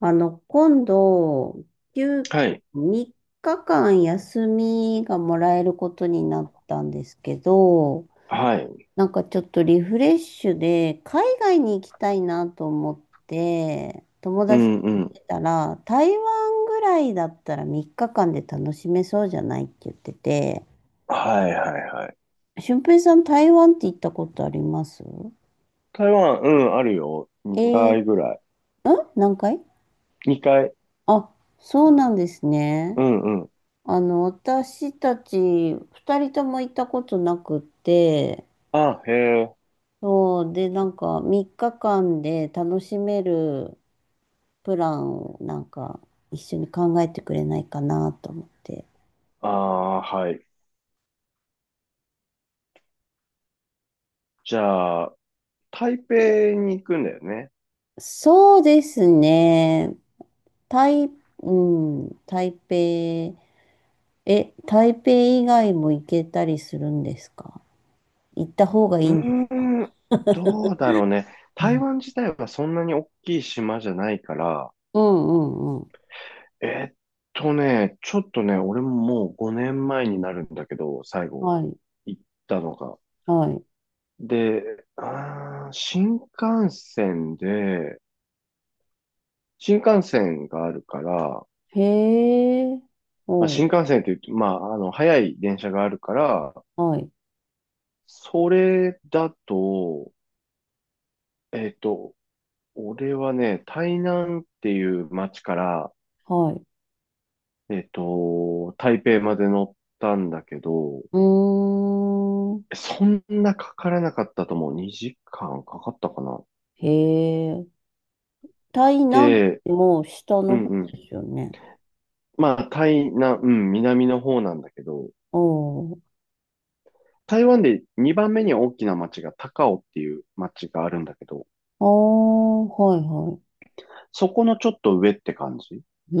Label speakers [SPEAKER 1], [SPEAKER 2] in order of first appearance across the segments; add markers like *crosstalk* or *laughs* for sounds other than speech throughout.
[SPEAKER 1] 今度、休
[SPEAKER 2] はい。
[SPEAKER 1] 3日間休みがもらえることになったんですけど、
[SPEAKER 2] はい。
[SPEAKER 1] なんかちょっとリフレッシュで、海外に行きたいなと思って、友
[SPEAKER 2] う
[SPEAKER 1] 達と
[SPEAKER 2] んう
[SPEAKER 1] 言っ
[SPEAKER 2] ん。
[SPEAKER 1] てたら、台湾ぐらいだったら3日間で楽しめそうじゃないって言ってて、
[SPEAKER 2] はいはいはい。
[SPEAKER 1] 俊平さん、台湾って行ったことあります？
[SPEAKER 2] 台湾、うん、あるよ。
[SPEAKER 1] えー、
[SPEAKER 2] 2
[SPEAKER 1] ん
[SPEAKER 2] 回ぐらい。
[SPEAKER 1] 何回？
[SPEAKER 2] 2回。
[SPEAKER 1] あ、そうなんですね。
[SPEAKER 2] うんうん。
[SPEAKER 1] 私たち二人とも行ったことなくって、
[SPEAKER 2] あ、へえ。
[SPEAKER 1] そう、で、なんか3日間で楽しめるプランをなんか一緒に考えてくれないかなと思って。
[SPEAKER 2] ああ、はい。じゃあ、台北に行くんだよね。
[SPEAKER 1] そうですね。台、うん、台北。台北以外も行けたりするんですか？行った方がいい
[SPEAKER 2] う
[SPEAKER 1] んです
[SPEAKER 2] ー
[SPEAKER 1] か？
[SPEAKER 2] ん、どうだろうね。台湾自体はそんなに大きい島じゃないから、
[SPEAKER 1] うんうんうん。
[SPEAKER 2] えーっちょっとね、俺ももう5年前になるんだけど、最後
[SPEAKER 1] はい、
[SPEAKER 2] 行ったのが。
[SPEAKER 1] はい。
[SPEAKER 2] で、新幹線で、新幹線があるから、
[SPEAKER 1] へえ、
[SPEAKER 2] まあ、
[SPEAKER 1] おう、
[SPEAKER 2] 新幹線って言うと、まあ、あの、早い電車があるから、
[SPEAKER 1] はい、
[SPEAKER 2] それだと、えっと、俺はね、台南っていう街から、
[SPEAKER 1] はい。
[SPEAKER 2] 台北まで乗ったんだけど、
[SPEAKER 1] うーん。
[SPEAKER 2] そんなかからなかったと思う。2時間かかったかな。
[SPEAKER 1] へえ。台南っ
[SPEAKER 2] で、
[SPEAKER 1] てもう下
[SPEAKER 2] う
[SPEAKER 1] の
[SPEAKER 2] ん
[SPEAKER 1] 方
[SPEAKER 2] うん。
[SPEAKER 1] ですよね。
[SPEAKER 2] まあ、台南、うん、南の方なんだけど、
[SPEAKER 1] おー。
[SPEAKER 2] 台湾で2番目に大きな街が高雄っていう街があるんだけど、
[SPEAKER 1] ああ、はいは
[SPEAKER 2] そこのちょっと上って感じ。
[SPEAKER 1] い。う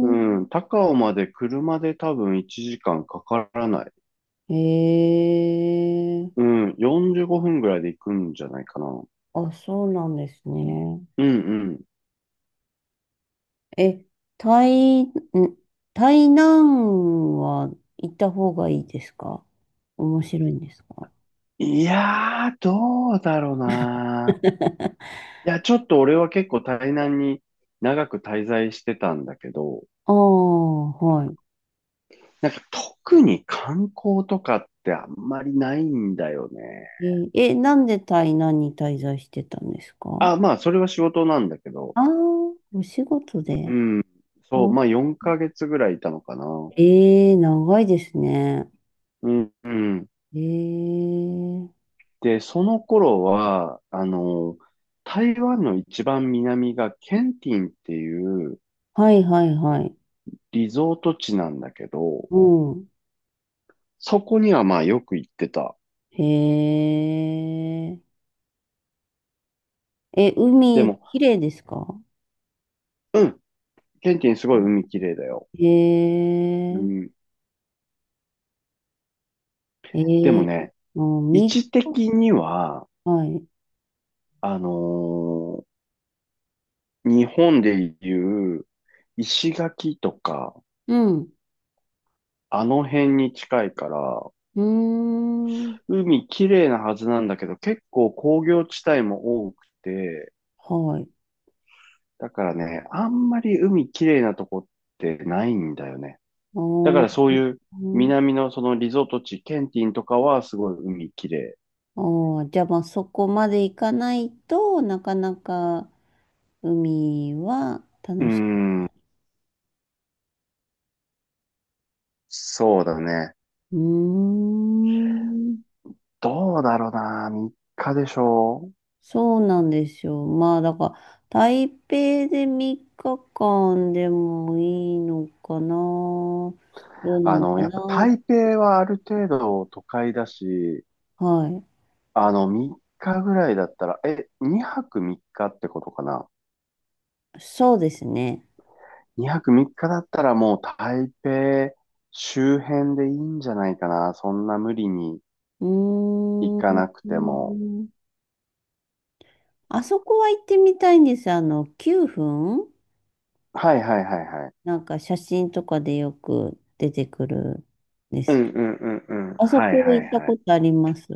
[SPEAKER 2] う
[SPEAKER 1] ん。
[SPEAKER 2] ん。高尾まで車で多分1時間かんかからない。
[SPEAKER 1] へ
[SPEAKER 2] う
[SPEAKER 1] え。
[SPEAKER 2] ん。45分ぐらいで行くんじゃないかな。
[SPEAKER 1] あ、そうなんですね。
[SPEAKER 2] うんうん。
[SPEAKER 1] え、台、ん、台南は行った方がいいですか？面白いんですか？
[SPEAKER 2] いやー、どうだろうな。
[SPEAKER 1] *laughs*
[SPEAKER 2] いや、ちょっと俺は結構台南に長く滞在してたんだけど、
[SPEAKER 1] ああ、は
[SPEAKER 2] なんか特に観光とかってあんまりないんだよね。
[SPEAKER 1] い。なんで台南に滞在してたんですか？
[SPEAKER 2] あ、まあ、それは仕事なんだけど。
[SPEAKER 1] ああ、お仕事
[SPEAKER 2] う
[SPEAKER 1] で。
[SPEAKER 2] ん。
[SPEAKER 1] あ
[SPEAKER 2] そう、まあ4ヶ月ぐらいいたのかな。
[SPEAKER 1] ええ長いですね。
[SPEAKER 2] うん、うん。
[SPEAKER 1] ええ、
[SPEAKER 2] で、その頃は、あの、台湾の一番南がケンティンっていう
[SPEAKER 1] はいはいはい。
[SPEAKER 2] リゾート地なんだけど、
[SPEAKER 1] うん。
[SPEAKER 2] そこにはまあよく行ってた。
[SPEAKER 1] へえ。
[SPEAKER 2] で
[SPEAKER 1] 海、
[SPEAKER 2] も、
[SPEAKER 1] 綺麗ですか？
[SPEAKER 2] うん、ケンティンすごい海綺麗だよ。
[SPEAKER 1] へ
[SPEAKER 2] う
[SPEAKER 1] え
[SPEAKER 2] ん、で
[SPEAKER 1] え
[SPEAKER 2] も
[SPEAKER 1] え、
[SPEAKER 2] ね、
[SPEAKER 1] もう、
[SPEAKER 2] 位
[SPEAKER 1] み
[SPEAKER 2] 置的には、
[SPEAKER 1] はい。
[SPEAKER 2] あのー日本でいう石垣とか、
[SPEAKER 1] うん。
[SPEAKER 2] あの辺に近いから、
[SPEAKER 1] うーん。
[SPEAKER 2] 海綺麗なはずなんだけど、結構工業地帯も多くて、
[SPEAKER 1] はい。
[SPEAKER 2] だからね、あんまり海きれいなとこってないんだよね。だか
[SPEAKER 1] おー、
[SPEAKER 2] らそういう
[SPEAKER 1] うん、
[SPEAKER 2] 南のそのリゾート地、ケンティンとかはすごい海きれい。う
[SPEAKER 1] おー、じゃあまあそこまで行かないとなかなか海は
[SPEAKER 2] ー
[SPEAKER 1] 楽しい。
[SPEAKER 2] ん、そうだね。
[SPEAKER 1] うーん。
[SPEAKER 2] どうだろうな、3日でしょ？
[SPEAKER 1] そうなんですよ。まあ、だから、台北で3日間でもいいのかな。どうな
[SPEAKER 2] あ
[SPEAKER 1] の
[SPEAKER 2] の、
[SPEAKER 1] か
[SPEAKER 2] やっぱ
[SPEAKER 1] な。
[SPEAKER 2] 台北はある程度都会だし、
[SPEAKER 1] はい。
[SPEAKER 2] あの、3日ぐらいだったら、2泊3日っかってことかな。
[SPEAKER 1] そうですね。
[SPEAKER 2] 2泊3日だったらもう台北周辺でいいんじゃないかな。そんな無理に
[SPEAKER 1] う
[SPEAKER 2] 行
[SPEAKER 1] ー
[SPEAKER 2] かなくても。
[SPEAKER 1] ん。あそこは行ってみたいんです。9分、
[SPEAKER 2] はいはいはいはい。
[SPEAKER 1] なんか写真とかでよく出てくるんで
[SPEAKER 2] う
[SPEAKER 1] す
[SPEAKER 2] んう
[SPEAKER 1] けど。
[SPEAKER 2] んうんうん。
[SPEAKER 1] あそ
[SPEAKER 2] はい
[SPEAKER 1] こ
[SPEAKER 2] は
[SPEAKER 1] 行
[SPEAKER 2] い
[SPEAKER 1] った
[SPEAKER 2] はい。
[SPEAKER 1] ことあります？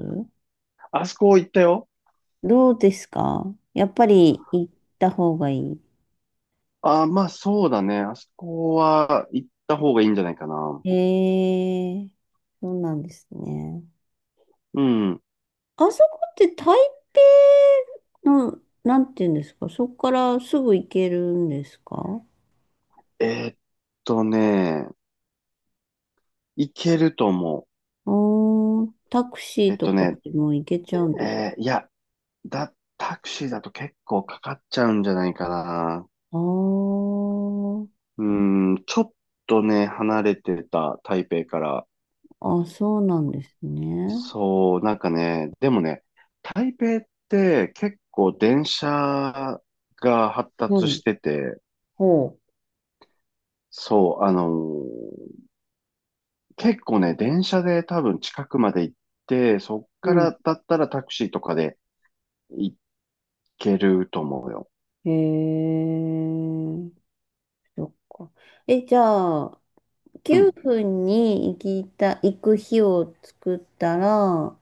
[SPEAKER 2] あそこ行ったよ。
[SPEAKER 1] どうですか？やっぱり行った方がいい？
[SPEAKER 2] ああ、まあそうだね。あそこは行った方がいいんじゃないかな。
[SPEAKER 1] ええ、そうなんですね。
[SPEAKER 2] うん。
[SPEAKER 1] あそこって台北の、なんていうんですか、そこからすぐ行けるんですか？
[SPEAKER 2] えーっとね、行けると思
[SPEAKER 1] タクシ
[SPEAKER 2] う。
[SPEAKER 1] ーとかでも行けちゃうんですか？
[SPEAKER 2] いや、タクシーだと結構かかっちゃうんじゃないかな。
[SPEAKER 1] あー
[SPEAKER 2] うん、ちょっとね、離れてた台北から。
[SPEAKER 1] あ、そうなんですね。
[SPEAKER 2] そう、なんかね、でもね、台北って結構電車が発
[SPEAKER 1] う
[SPEAKER 2] 達し
[SPEAKER 1] ん、
[SPEAKER 2] てて、
[SPEAKER 1] ほ
[SPEAKER 2] そう、結構ね、電車で多分近くまで行って、そっ
[SPEAKER 1] う。
[SPEAKER 2] か
[SPEAKER 1] うん。
[SPEAKER 2] らだったらタクシーとかで行けると思うよ。
[SPEAKER 1] へえ、そっか。え、じゃあ、
[SPEAKER 2] う
[SPEAKER 1] 9
[SPEAKER 2] ん、
[SPEAKER 1] 分に行きた、行く日を作ったら、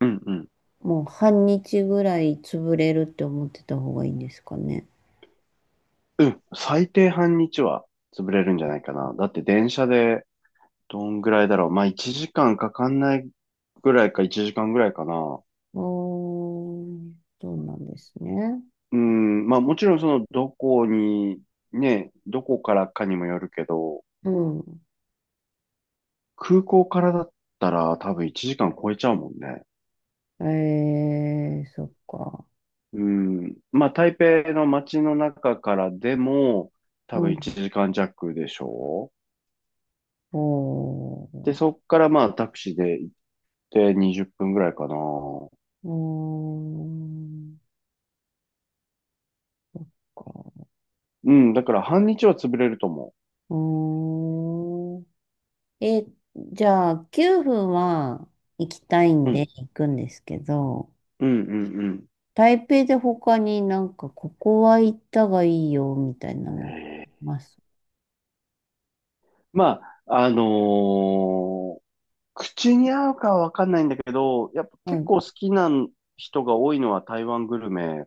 [SPEAKER 2] うん、うん。
[SPEAKER 1] もう半日ぐらい潰れるって思ってた方がいいんですかね。
[SPEAKER 2] うん、最低半日は潰れるんじゃないかな。だって電車でどんぐらいだろう。まあ1時間かんかかんないぐらいか1時間ぐらいかな。
[SPEAKER 1] おー、そうなんですね。
[SPEAKER 2] うん、まあもちろんそのどこに、ね、どこからかにもよるけど、
[SPEAKER 1] うん。
[SPEAKER 2] 空港からだったら多分1時間超えちゃうもんね。
[SPEAKER 1] そっか。
[SPEAKER 2] うん、まあ台北の街の中からでも多
[SPEAKER 1] う
[SPEAKER 2] 分
[SPEAKER 1] ん。
[SPEAKER 2] 1時間弱でしょう。
[SPEAKER 1] お
[SPEAKER 2] で、
[SPEAKER 1] ー、
[SPEAKER 2] そっからまあタクシーで行って20分ぐらいかな。
[SPEAKER 1] うーん、か。
[SPEAKER 2] うん、だから半日は潰れると思
[SPEAKER 1] うーん。え、じゃあ、9分は行きたい
[SPEAKER 2] う。
[SPEAKER 1] ん
[SPEAKER 2] う
[SPEAKER 1] で
[SPEAKER 2] ん、
[SPEAKER 1] 行くんですけど、
[SPEAKER 2] うん、うん、うん。
[SPEAKER 1] 台北で他になんか、ここは行ったがいいよ、みたいなの、ます。
[SPEAKER 2] まあ、口に合うかはわかんないんだけど、やっぱ
[SPEAKER 1] はい。う
[SPEAKER 2] 結
[SPEAKER 1] ん
[SPEAKER 2] 構好きな人が多いのは台湾グルメ好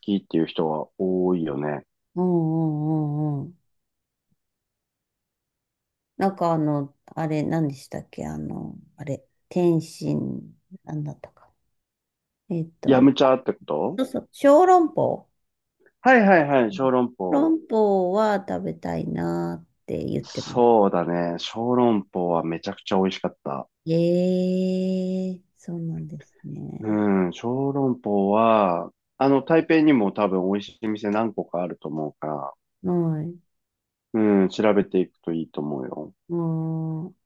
[SPEAKER 2] きっていう人は多いよね。
[SPEAKER 1] うんうんうん。なんか、あれ、何でしたっけ？あれ、天津、何だったか。えっ
[SPEAKER 2] ヤ
[SPEAKER 1] と、
[SPEAKER 2] ムチャってこと？
[SPEAKER 1] そうそう、小籠包。
[SPEAKER 2] はいはいはい、小籠
[SPEAKER 1] 小
[SPEAKER 2] 包。
[SPEAKER 1] 籠包は食べたいなーって言ってます。
[SPEAKER 2] そうだね。小籠包はめちゃくちゃ美味しかった。
[SPEAKER 1] ええ、そうなんですね。
[SPEAKER 2] うん、小籠包は、あの、台北にも多分美味しい店何個かあると思うから、
[SPEAKER 1] はい。
[SPEAKER 2] うん、調べていくといいと思うよ。
[SPEAKER 1] もう、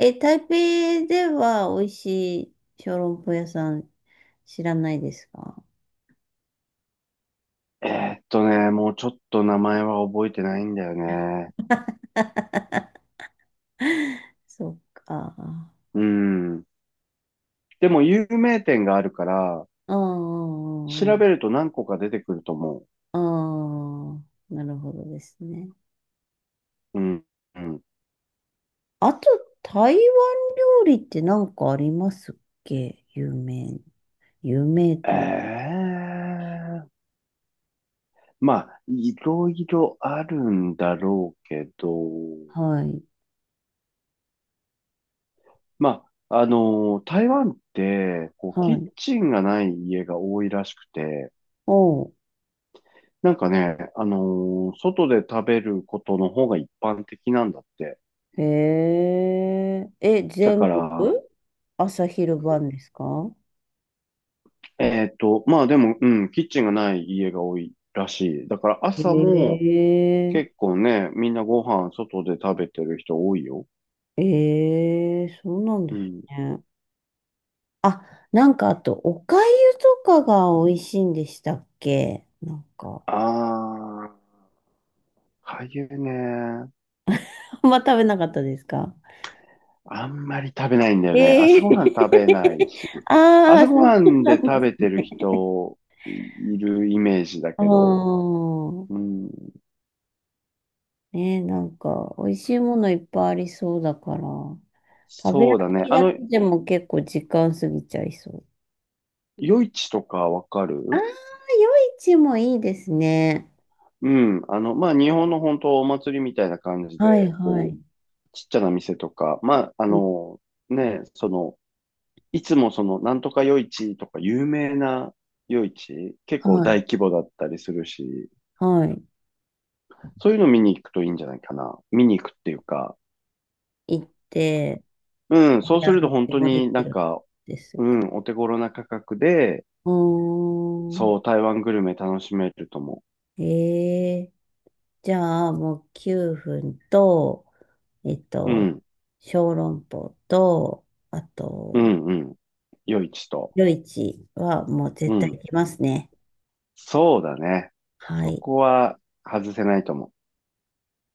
[SPEAKER 1] 台北では美味しい小籠包屋さん知らないですか？
[SPEAKER 2] えもうちょっと名前は覚えてないんだよね。
[SPEAKER 1] そっか。あ
[SPEAKER 2] うん。でも有名店があるから、
[SPEAKER 1] あ、
[SPEAKER 2] 調べると何個か出てくると思
[SPEAKER 1] ああ、なるほどですね。
[SPEAKER 2] う。うん。うん。
[SPEAKER 1] あと、台湾料理って何かありますっけ、有名。有名という。
[SPEAKER 2] ええまあ、いろいろあるんだろうけど、
[SPEAKER 1] はい。
[SPEAKER 2] まあ、あの台湾って、こう、キ
[SPEAKER 1] は
[SPEAKER 2] ッ
[SPEAKER 1] い。
[SPEAKER 2] チンがない家が多いらしくて、
[SPEAKER 1] おう。
[SPEAKER 2] なんかね、あの外で食べることの方が一般的なんだって。
[SPEAKER 1] へえ。
[SPEAKER 2] だ
[SPEAKER 1] 全
[SPEAKER 2] から、
[SPEAKER 1] 部朝昼晩ですか？
[SPEAKER 2] まあでも、うん、キッチンがない家が多いらしい。だから
[SPEAKER 1] へ
[SPEAKER 2] 朝も、結
[SPEAKER 1] え。
[SPEAKER 2] 構ね、みんなご飯外で食べてる人多いよ。
[SPEAKER 1] ええ、そうなん
[SPEAKER 2] う
[SPEAKER 1] です
[SPEAKER 2] ん。
[SPEAKER 1] ね。あ、なんかあと、お粥とかが美味しいんでしたっけ、なんか。
[SPEAKER 2] ああ、かゆね。
[SPEAKER 1] あんま食べなかったですか？
[SPEAKER 2] あんまり食べないんだよね。
[SPEAKER 1] え
[SPEAKER 2] 朝
[SPEAKER 1] え。
[SPEAKER 2] ごはん食べない
[SPEAKER 1] *laughs*
[SPEAKER 2] し。
[SPEAKER 1] ああ、
[SPEAKER 2] 朝
[SPEAKER 1] そ
[SPEAKER 2] ごは
[SPEAKER 1] う
[SPEAKER 2] ん
[SPEAKER 1] な
[SPEAKER 2] で
[SPEAKER 1] んで
[SPEAKER 2] 食
[SPEAKER 1] す
[SPEAKER 2] べてる
[SPEAKER 1] ね。
[SPEAKER 2] 人いるイメージだ
[SPEAKER 1] ああ、
[SPEAKER 2] けど。うん。
[SPEAKER 1] ね、なんか、美味しいものいっぱいありそうだから、食べ歩
[SPEAKER 2] そうだね。
[SPEAKER 1] き
[SPEAKER 2] あ
[SPEAKER 1] だけ
[SPEAKER 2] の、
[SPEAKER 1] でも結構時間過ぎちゃいそう。
[SPEAKER 2] 夜市とかわか
[SPEAKER 1] ああ、夜
[SPEAKER 2] る？
[SPEAKER 1] 市もいいですね。
[SPEAKER 2] うん。あの、まあ、日本の本当お祭りみたいな感じで、
[SPEAKER 1] はいは
[SPEAKER 2] こう、
[SPEAKER 1] い。
[SPEAKER 2] ちっちゃな店とか、まあ、あ
[SPEAKER 1] うん、
[SPEAKER 2] の、ね、その、いつもその、なんとか夜市とか有名な夜市、結
[SPEAKER 1] は
[SPEAKER 2] 構
[SPEAKER 1] い、
[SPEAKER 2] 大規模だったりするし、
[SPEAKER 1] はい。
[SPEAKER 2] そういうの見に行くといいんじゃないかな。見に行くっていうか、
[SPEAKER 1] 行って、
[SPEAKER 2] うん、
[SPEAKER 1] 食
[SPEAKER 2] そう
[SPEAKER 1] べ
[SPEAKER 2] すると
[SPEAKER 1] 歩
[SPEAKER 2] 本
[SPEAKER 1] き
[SPEAKER 2] 当
[SPEAKER 1] もで
[SPEAKER 2] に
[SPEAKER 1] き
[SPEAKER 2] なん
[SPEAKER 1] るん
[SPEAKER 2] か、
[SPEAKER 1] です
[SPEAKER 2] う
[SPEAKER 1] か。
[SPEAKER 2] ん、お手頃な価格で、
[SPEAKER 1] うーん。
[SPEAKER 2] そう、台湾グルメ楽しめると思
[SPEAKER 1] ええ、じゃあ、もう9分と、えっ
[SPEAKER 2] う。う
[SPEAKER 1] と、
[SPEAKER 2] ん、
[SPEAKER 1] 小籠包と、あ
[SPEAKER 2] う
[SPEAKER 1] と、
[SPEAKER 2] ん、うん、夜市と。
[SPEAKER 1] 夜市はもう
[SPEAKER 2] う
[SPEAKER 1] 絶対行
[SPEAKER 2] ん、
[SPEAKER 1] きますね。
[SPEAKER 2] そうだね。
[SPEAKER 1] は
[SPEAKER 2] そ
[SPEAKER 1] い。
[SPEAKER 2] こは外せないと思う。